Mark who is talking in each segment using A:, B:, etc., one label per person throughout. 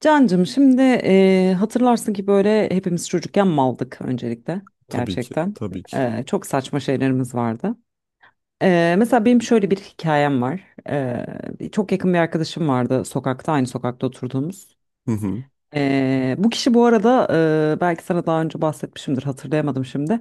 A: Cancım şimdi hatırlarsın ki böyle hepimiz çocukken maldık öncelikle
B: Tabii ki.
A: gerçekten.
B: Tabii ki.
A: Çok saçma şeylerimiz vardı. Mesela benim şöyle bir hikayem var. Çok yakın bir arkadaşım vardı sokakta aynı sokakta oturduğumuz.
B: Hı hı.
A: Bu kişi bu arada belki sana daha önce bahsetmişimdir, hatırlayamadım şimdi.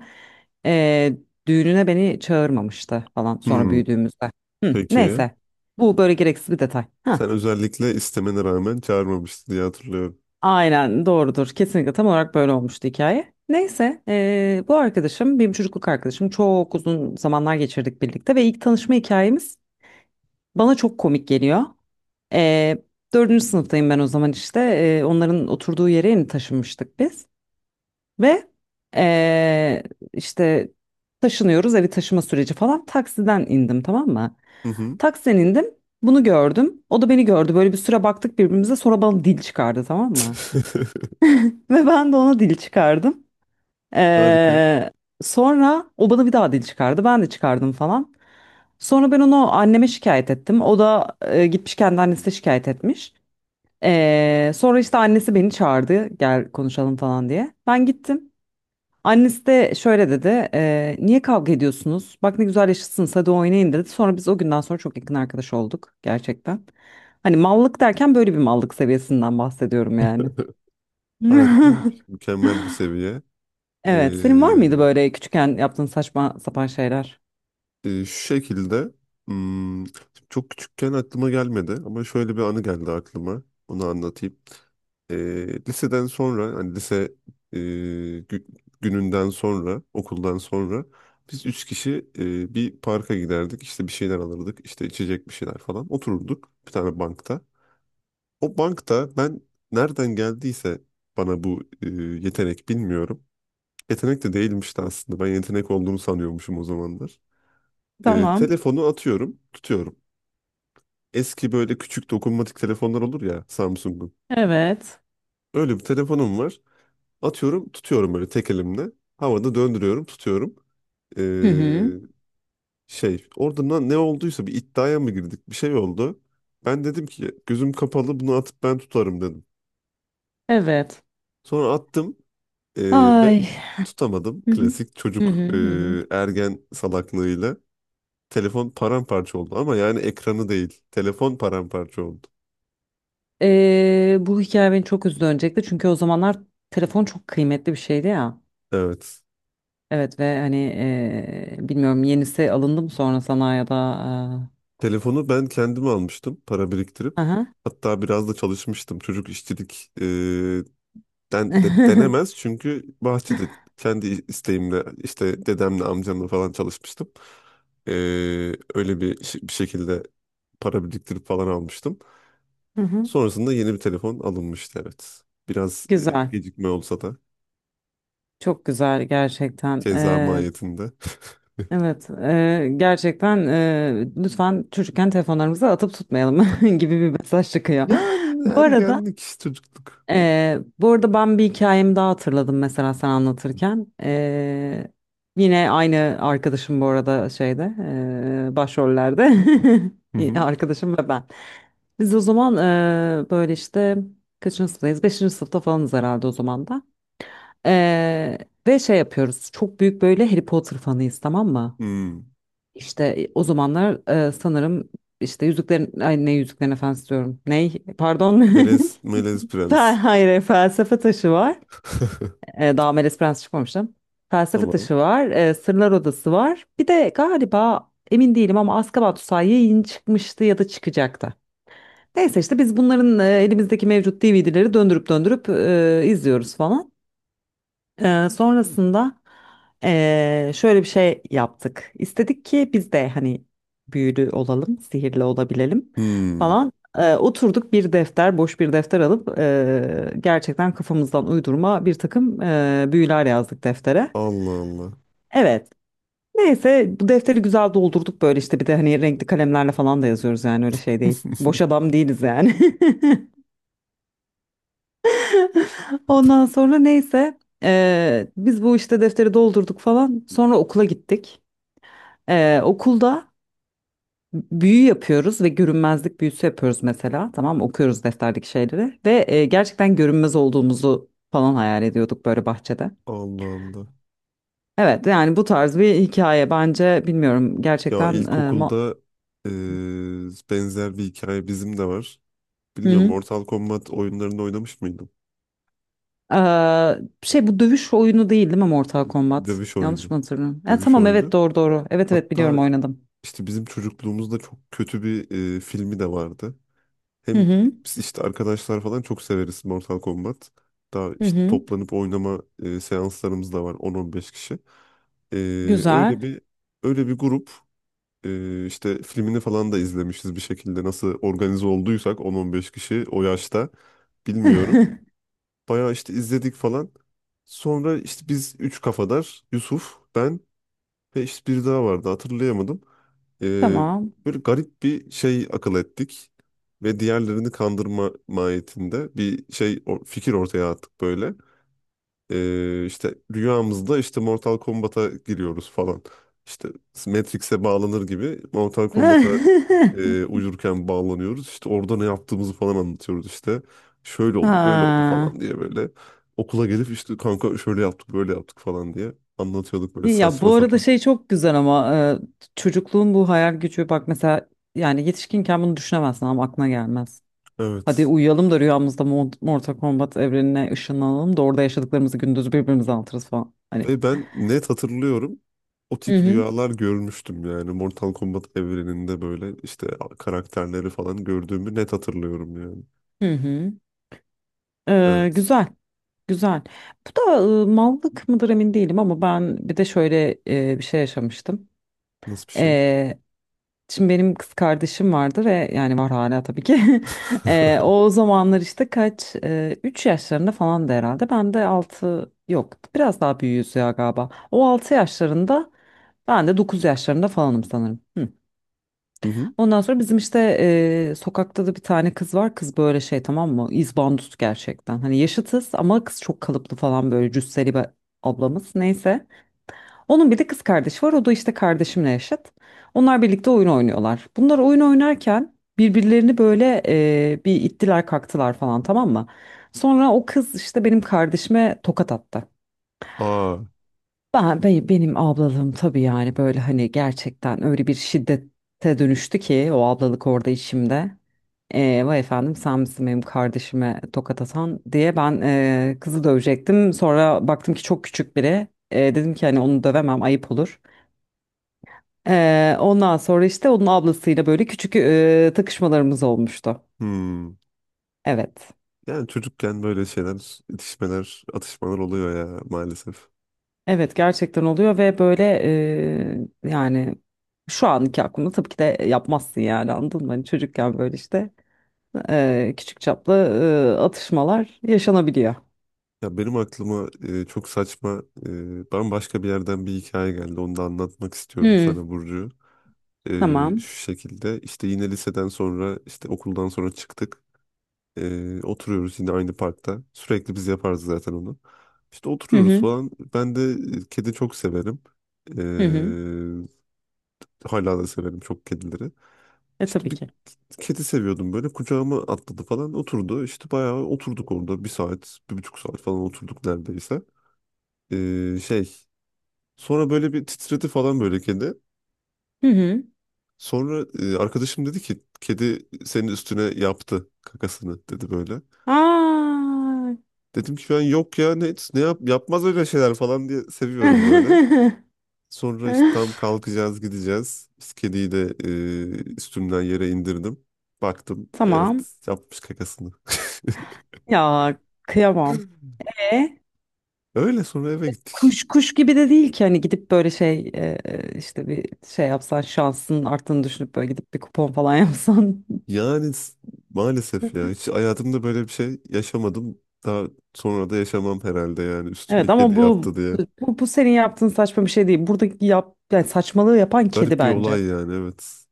A: Eee, düğününe beni çağırmamıştı falan sonra
B: Hmm,
A: büyüdüğümüzde. Hı,
B: Peki.
A: neyse bu böyle gereksiz bir detay. Heh.
B: Sen özellikle istemene rağmen çağırmamıştın diye hatırlıyorum.
A: Aynen doğrudur. Kesinlikle tam olarak böyle olmuştu hikaye. Neyse bu arkadaşım benim çocukluk arkadaşım, çok uzun zamanlar geçirdik birlikte ve ilk tanışma hikayemiz bana çok komik geliyor. Eee dördüncü sınıftayım ben o zaman, işte onların oturduğu yere yeni taşınmıştık biz ve eee, işte taşınıyoruz, evi taşıma süreci falan, taksiden indim, tamam mı?
B: Hı hı.
A: Taksiden indim, bunu gördüm, o da beni gördü, böyle bir süre baktık birbirimize, sonra bana dil çıkardı, tamam mı? Ve ben de ona dil çıkardım.
B: Harika.
A: Ee, sonra o bana bir daha dil çıkardı. Ben de çıkardım falan. Sonra ben onu anneme şikayet ettim. O da gitmiş kendi annesine şikayet etmiş. Sonra işte annesi beni çağırdı. Gel konuşalım falan diye. Ben gittim. Annesi de şöyle dedi. "Niye kavga ediyorsunuz? Bak ne güzel yaşıtsınız, hadi oynayın" dedi. Sonra biz o günden sonra çok yakın arkadaş olduk gerçekten. Hani mallık derken böyle bir mallık seviyesinden bahsediyorum yani.
B: Olmuş. Mükemmel bir seviye. Ee,
A: Evet. Senin var mıydı böyle küçükken yaptığın saçma sapan şeyler?
B: Şu şekilde hmm, çok küçükken aklıma gelmedi ama şöyle bir anı geldi aklıma. Onu anlatayım. Liseden sonra hani e, gü- gününden sonra okuldan sonra biz üç kişi bir parka giderdik. İşte bir şeyler alırdık. İşte içecek bir şeyler falan. Otururduk bir tane bankta. O bankta ben nereden geldiyse bana bu yetenek bilmiyorum. Yetenek de değilmişti aslında. Ben yetenek olduğunu sanıyormuşum o zamanlar.
A: Tamam.
B: Telefonu atıyorum, tutuyorum. Eski böyle küçük dokunmatik telefonlar olur ya Samsung'un.
A: Evet.
B: Öyle bir telefonum var. Atıyorum, tutuyorum böyle tek elimle. Havada döndürüyorum, tutuyorum. E,
A: Hı hı.
B: Orada ne olduysa bir iddiaya mı girdik? Bir şey oldu. Ben dedim ki gözüm kapalı bunu atıp ben tutarım dedim.
A: Evet.
B: Sonra attım e, ve
A: Ay.
B: tutamadım.
A: Hı hı.
B: Klasik
A: Hı
B: çocuk,
A: hı hı. Hı.
B: ergen salaklığıyla. Telefon paramparça oldu ama yani ekranı değil. Telefon paramparça oldu.
A: Bu hikaye beni çok üzdü öncelikle, çünkü o zamanlar telefon çok kıymetli bir şeydi ya.
B: Evet.
A: Evet ve hani bilmiyorum yenisi alındı mı sonra sana ya da
B: Telefonu ben kendim almıştım para biriktirip.
A: Aha.
B: Hatta biraz da çalışmıştım. Çocuk işçilik denemez çünkü bahçede kendi isteğimle işte dedemle amcamla falan çalışmıştım. E, Öyle bir, bir şekilde para biriktirip falan almıştım.
A: Hı hı.
B: Sonrasında yeni bir telefon alınmıştı, evet. Biraz
A: Güzel.
B: gecikme olsa da
A: Çok güzel gerçekten.
B: ceza mahiyetinde.
A: Evet, gerçekten lütfen çocukken telefonlarımızı atıp tutmayalım gibi bir mesaj çıkıyor.
B: Yani
A: Bu arada,
B: ergenlik, çocukluk.
A: bu arada ben bir hikayemi daha hatırladım mesela sen anlatırken. Yine aynı arkadaşım bu arada şeyde, başrollerde
B: Hı hı.
A: arkadaşım ve ben. Biz o zaman böyle işte kaçıncı sınıftayız? Beşinci sınıfta falanız herhalde o zaman da. E, ve şey yapıyoruz. Çok büyük böyle Harry Potter fanıyız, tamam mı?
B: Hmm.
A: İşte o zamanlar sanırım işte Yüzüklerin ay ne Yüzüklerin Efendisi diyorum. Ney? Pardon.
B: Melez, Melez Prens.
A: Hayır, Felsefe Taşı var. Daha Melez Prens çıkmamıştım. Felsefe
B: Tamam.
A: Taşı var. Sırlar Odası var. Bir de galiba emin değilim ama Azkaban Tutsağı yeni çıkmıştı ya da çıkacaktı. Neyse işte biz bunların elimizdeki mevcut DVD'leri döndürüp döndürüp izliyoruz falan. Sonrasında şöyle bir şey yaptık. İstedik ki biz de hani büyülü olalım, sihirli olabilelim
B: Hmm.
A: falan. Oturduk bir defter, boş bir defter alıp gerçekten kafamızdan uydurma bir takım büyüler yazdık deftere.
B: Allah Allah.
A: Evet. Neyse bu defteri güzel doldurduk böyle, işte bir de hani renkli kalemlerle falan da yazıyoruz, yani öyle şey değil. Boş adam değiliz yani. Ondan sonra neyse biz bu işte defteri doldurduk falan. Sonra okula gittik. Okulda büyü yapıyoruz ve görünmezlik büyüsü yapıyoruz mesela. Tamam mı? Okuyoruz defterdeki şeyleri ve gerçekten görünmez olduğumuzu falan hayal ediyorduk böyle bahçede.
B: Allah Allah.
A: Evet yani bu tarz bir hikaye, bence bilmiyorum
B: Ya
A: gerçekten.
B: ilkokulda benzer bir hikaye bizim de var.
A: Hı
B: Bilmiyorum,
A: hı.
B: Mortal Kombat oyunlarını oynamış mıydım?
A: Şey bu dövüş oyunu değil, değil mi Mortal Kombat?
B: Dövüş
A: Yanlış
B: oyunu.
A: mı hatırlıyorum? E,
B: Dövüş
A: tamam evet,
B: oyunu.
A: doğru doğru. Evet evet, biliyorum,
B: Hatta
A: oynadım.
B: işte bizim çocukluğumuzda çok kötü bir filmi de vardı.
A: Hı
B: Hem
A: hı.
B: biz işte arkadaşlar falan çok severiz Mortal Kombat. Daha
A: Hı
B: işte
A: hı.
B: toplanıp oynama seanslarımız da var, on on beş kişi. Eee,
A: Güzel.
B: öyle bir öyle bir grup, işte filmini falan da izlemişiz bir şekilde. Nasıl organize olduysak 10-15 kişi o yaşta bilmiyorum. Bayağı işte izledik falan. Sonra işte biz üç kafadar Yusuf, ben ve işte biri daha vardı, hatırlayamadım. E,
A: Tamam.
B: Böyle garip bir şey akıl ettik. Ve diğerlerini kandırma mahiyetinde bir şey, fikir ortaya attık böyle. İşte rüyamızda işte Mortal Kombat'a giriyoruz falan. İşte Matrix'e bağlanır gibi Mortal Kombat'a uyurken bağlanıyoruz. İşte orada ne yaptığımızı falan anlatıyoruz işte. Şöyle oldu, böyle oldu
A: Ha.
B: falan diye böyle. Okula gelip işte kanka şöyle yaptık, böyle yaptık falan diye anlatıyorduk böyle
A: İyi. Ya
B: saçma
A: bu arada
B: sapan.
A: şey çok güzel ama çocukluğun bu hayal gücü bak mesela, yani yetişkinken bunu düşünemezsin, ama aklına gelmez. Hadi
B: Evet.
A: uyuyalım da rüyamızda Mortal Kombat evrenine ışınlanalım da orada yaşadıklarımızı gündüz birbirimize anlatırız falan. Hani.
B: Ve ben net hatırlıyorum. O
A: Hı
B: tip
A: hı.
B: rüyalar görmüştüm yani. Mortal Kombat evreninde böyle işte karakterleri falan gördüğümü net hatırlıyorum yani.
A: Hı hı. E,
B: Evet.
A: güzel. Güzel. Bu da mallık mıdır emin değilim ama ben bir de şöyle bir şey yaşamıştım.
B: Nasıl bir şey?
A: Şimdi benim kız kardeşim vardı ve yani var hala tabii ki. O zamanlar işte kaç, 3 yaşlarında falan da herhalde. Ben de altı, yok biraz daha büyüğüz ya galiba. O 6 yaşlarında, ben de 9 yaşlarında falanım sanırım. Hı.
B: Hı hı.
A: Ondan sonra bizim işte sokakta da bir tane kız var. Kız böyle şey, tamam mı? İzbandut gerçekten. Hani yaşıtız ama kız çok kalıplı falan, böyle cüsseli bir ablamız. Neyse. Onun bir de kız kardeşi var. O da işte kardeşimle yaşıt. Onlar birlikte oyun oynuyorlar. Bunlar oyun oynarken birbirlerini böyle bir ittiler kaktılar falan, tamam mı? Sonra o kız işte benim kardeşime tokat attı.
B: Aa.
A: Benim ablalığım tabii, yani böyle hani gerçekten öyle bir şiddete dönüştü ki o ablalık orada içimde. Vay efendim sen misin benim kardeşime tokat atan diye ben kızı dövecektim. Sonra baktım ki çok küçük biri. Dedim ki hani onu dövemem, ayıp olur. Ondan sonra işte onun ablasıyla böyle küçük takışmalarımız olmuştu.
B: Hmm.
A: Evet.
B: Yani çocukken böyle şeyler, itişmeler, atışmalar oluyor ya, maalesef.
A: Evet, gerçekten oluyor ve böyle yani şu anki aklımda tabii ki de yapmazsın yani, anladın mı? Hani çocukken böyle işte küçük çaplı atışmalar yaşanabiliyor.
B: Ya benim aklıma çok saçma, bambaşka bir yerden bir hikaye geldi. Onu da anlatmak istiyorum
A: Hı,
B: sana, Burcu. E,
A: tamam.
B: Şu şekilde işte yine liseden sonra işte okuldan sonra çıktık. Oturuyoruz yine aynı parkta. Sürekli biz yaparız zaten onu. İşte
A: Hı
B: oturuyoruz
A: hı
B: falan. Ben de kedi çok severim. E,
A: hı hı.
B: Hala da severim çok kedileri.
A: E
B: İşte
A: tabii
B: bir
A: ki.
B: kedi seviyordum böyle. Kucağıma atladı falan, oturdu. İşte bayağı oturduk orada. Bir saat, bir buçuk saat falan oturduk neredeyse. Şey sonra böyle bir titredi falan böyle, kedi.
A: Hı hı.
B: Sonra arkadaşım dedi ki kedi senin üstüne yaptı kakasını dedi böyle.
A: Aa.
B: Dedim ki ben yok ya ne yapmaz öyle şeyler falan diye seviyorum böyle. Sonra işte tam kalkacağız, gideceğiz. İşte kediyi de üstümden yere indirdim. Baktım, evet,
A: Tamam.
B: yapmış kakasını.
A: Ya, kıyamam. E?
B: Öyle sonra eve gittik.
A: Kuş kuş gibi de değil ki hani, gidip böyle şey işte bir şey yapsan şansın arttığını düşünüp böyle gidip bir kupon falan yapsan.
B: Yani s- Maalesef ya, hiç hayatımda böyle bir şey yaşamadım. Daha sonra da yaşamam herhalde yani, üstüme
A: Evet
B: kedi
A: ama bu
B: yaptı diye.
A: bu senin yaptığın saçma bir şey değil. Buradaki yap yani, saçmalığı yapan
B: Çok
A: kedi
B: garip bir
A: bence.
B: olay yani, evet.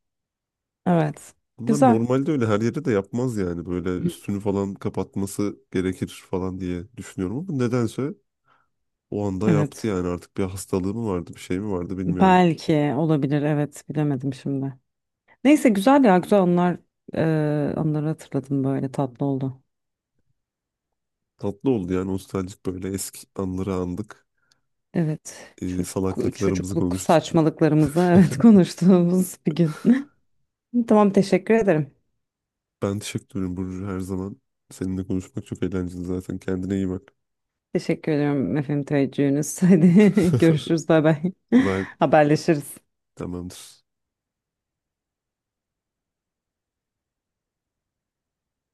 A: Evet.
B: Bunlar
A: Güzel.
B: normalde öyle her yere de yapmaz yani, böyle üstünü falan kapatması gerekir falan diye düşünüyorum, ama nedense o anda yaptı
A: Evet.
B: yani, artık bir hastalığı mı vardı, bir şey mi vardı, bilmiyorum.
A: Belki olabilir. Evet. Bilemedim şimdi. Neyse, güzel ya, güzel anlar e, anları hatırladım, böyle tatlı oldu.
B: Tatlı oldu yani, nostaljik böyle eski anları andık.
A: Evet. Çocuk
B: Salaklıklarımızı
A: çocukluk
B: konuştuk.
A: saçmalıklarımızı evet konuştuğumuz bir gün. Tamam, teşekkür ederim.
B: Ben teşekkür ederim Burcu, her zaman. Seninle konuşmak çok eğlenceli zaten. Kendine iyi bak.
A: Teşekkür ediyorum efendim, teveccühünüz. Hadi görüşürüz, bay bay.
B: Bye.
A: Haberleşiriz.
B: Tamamdır.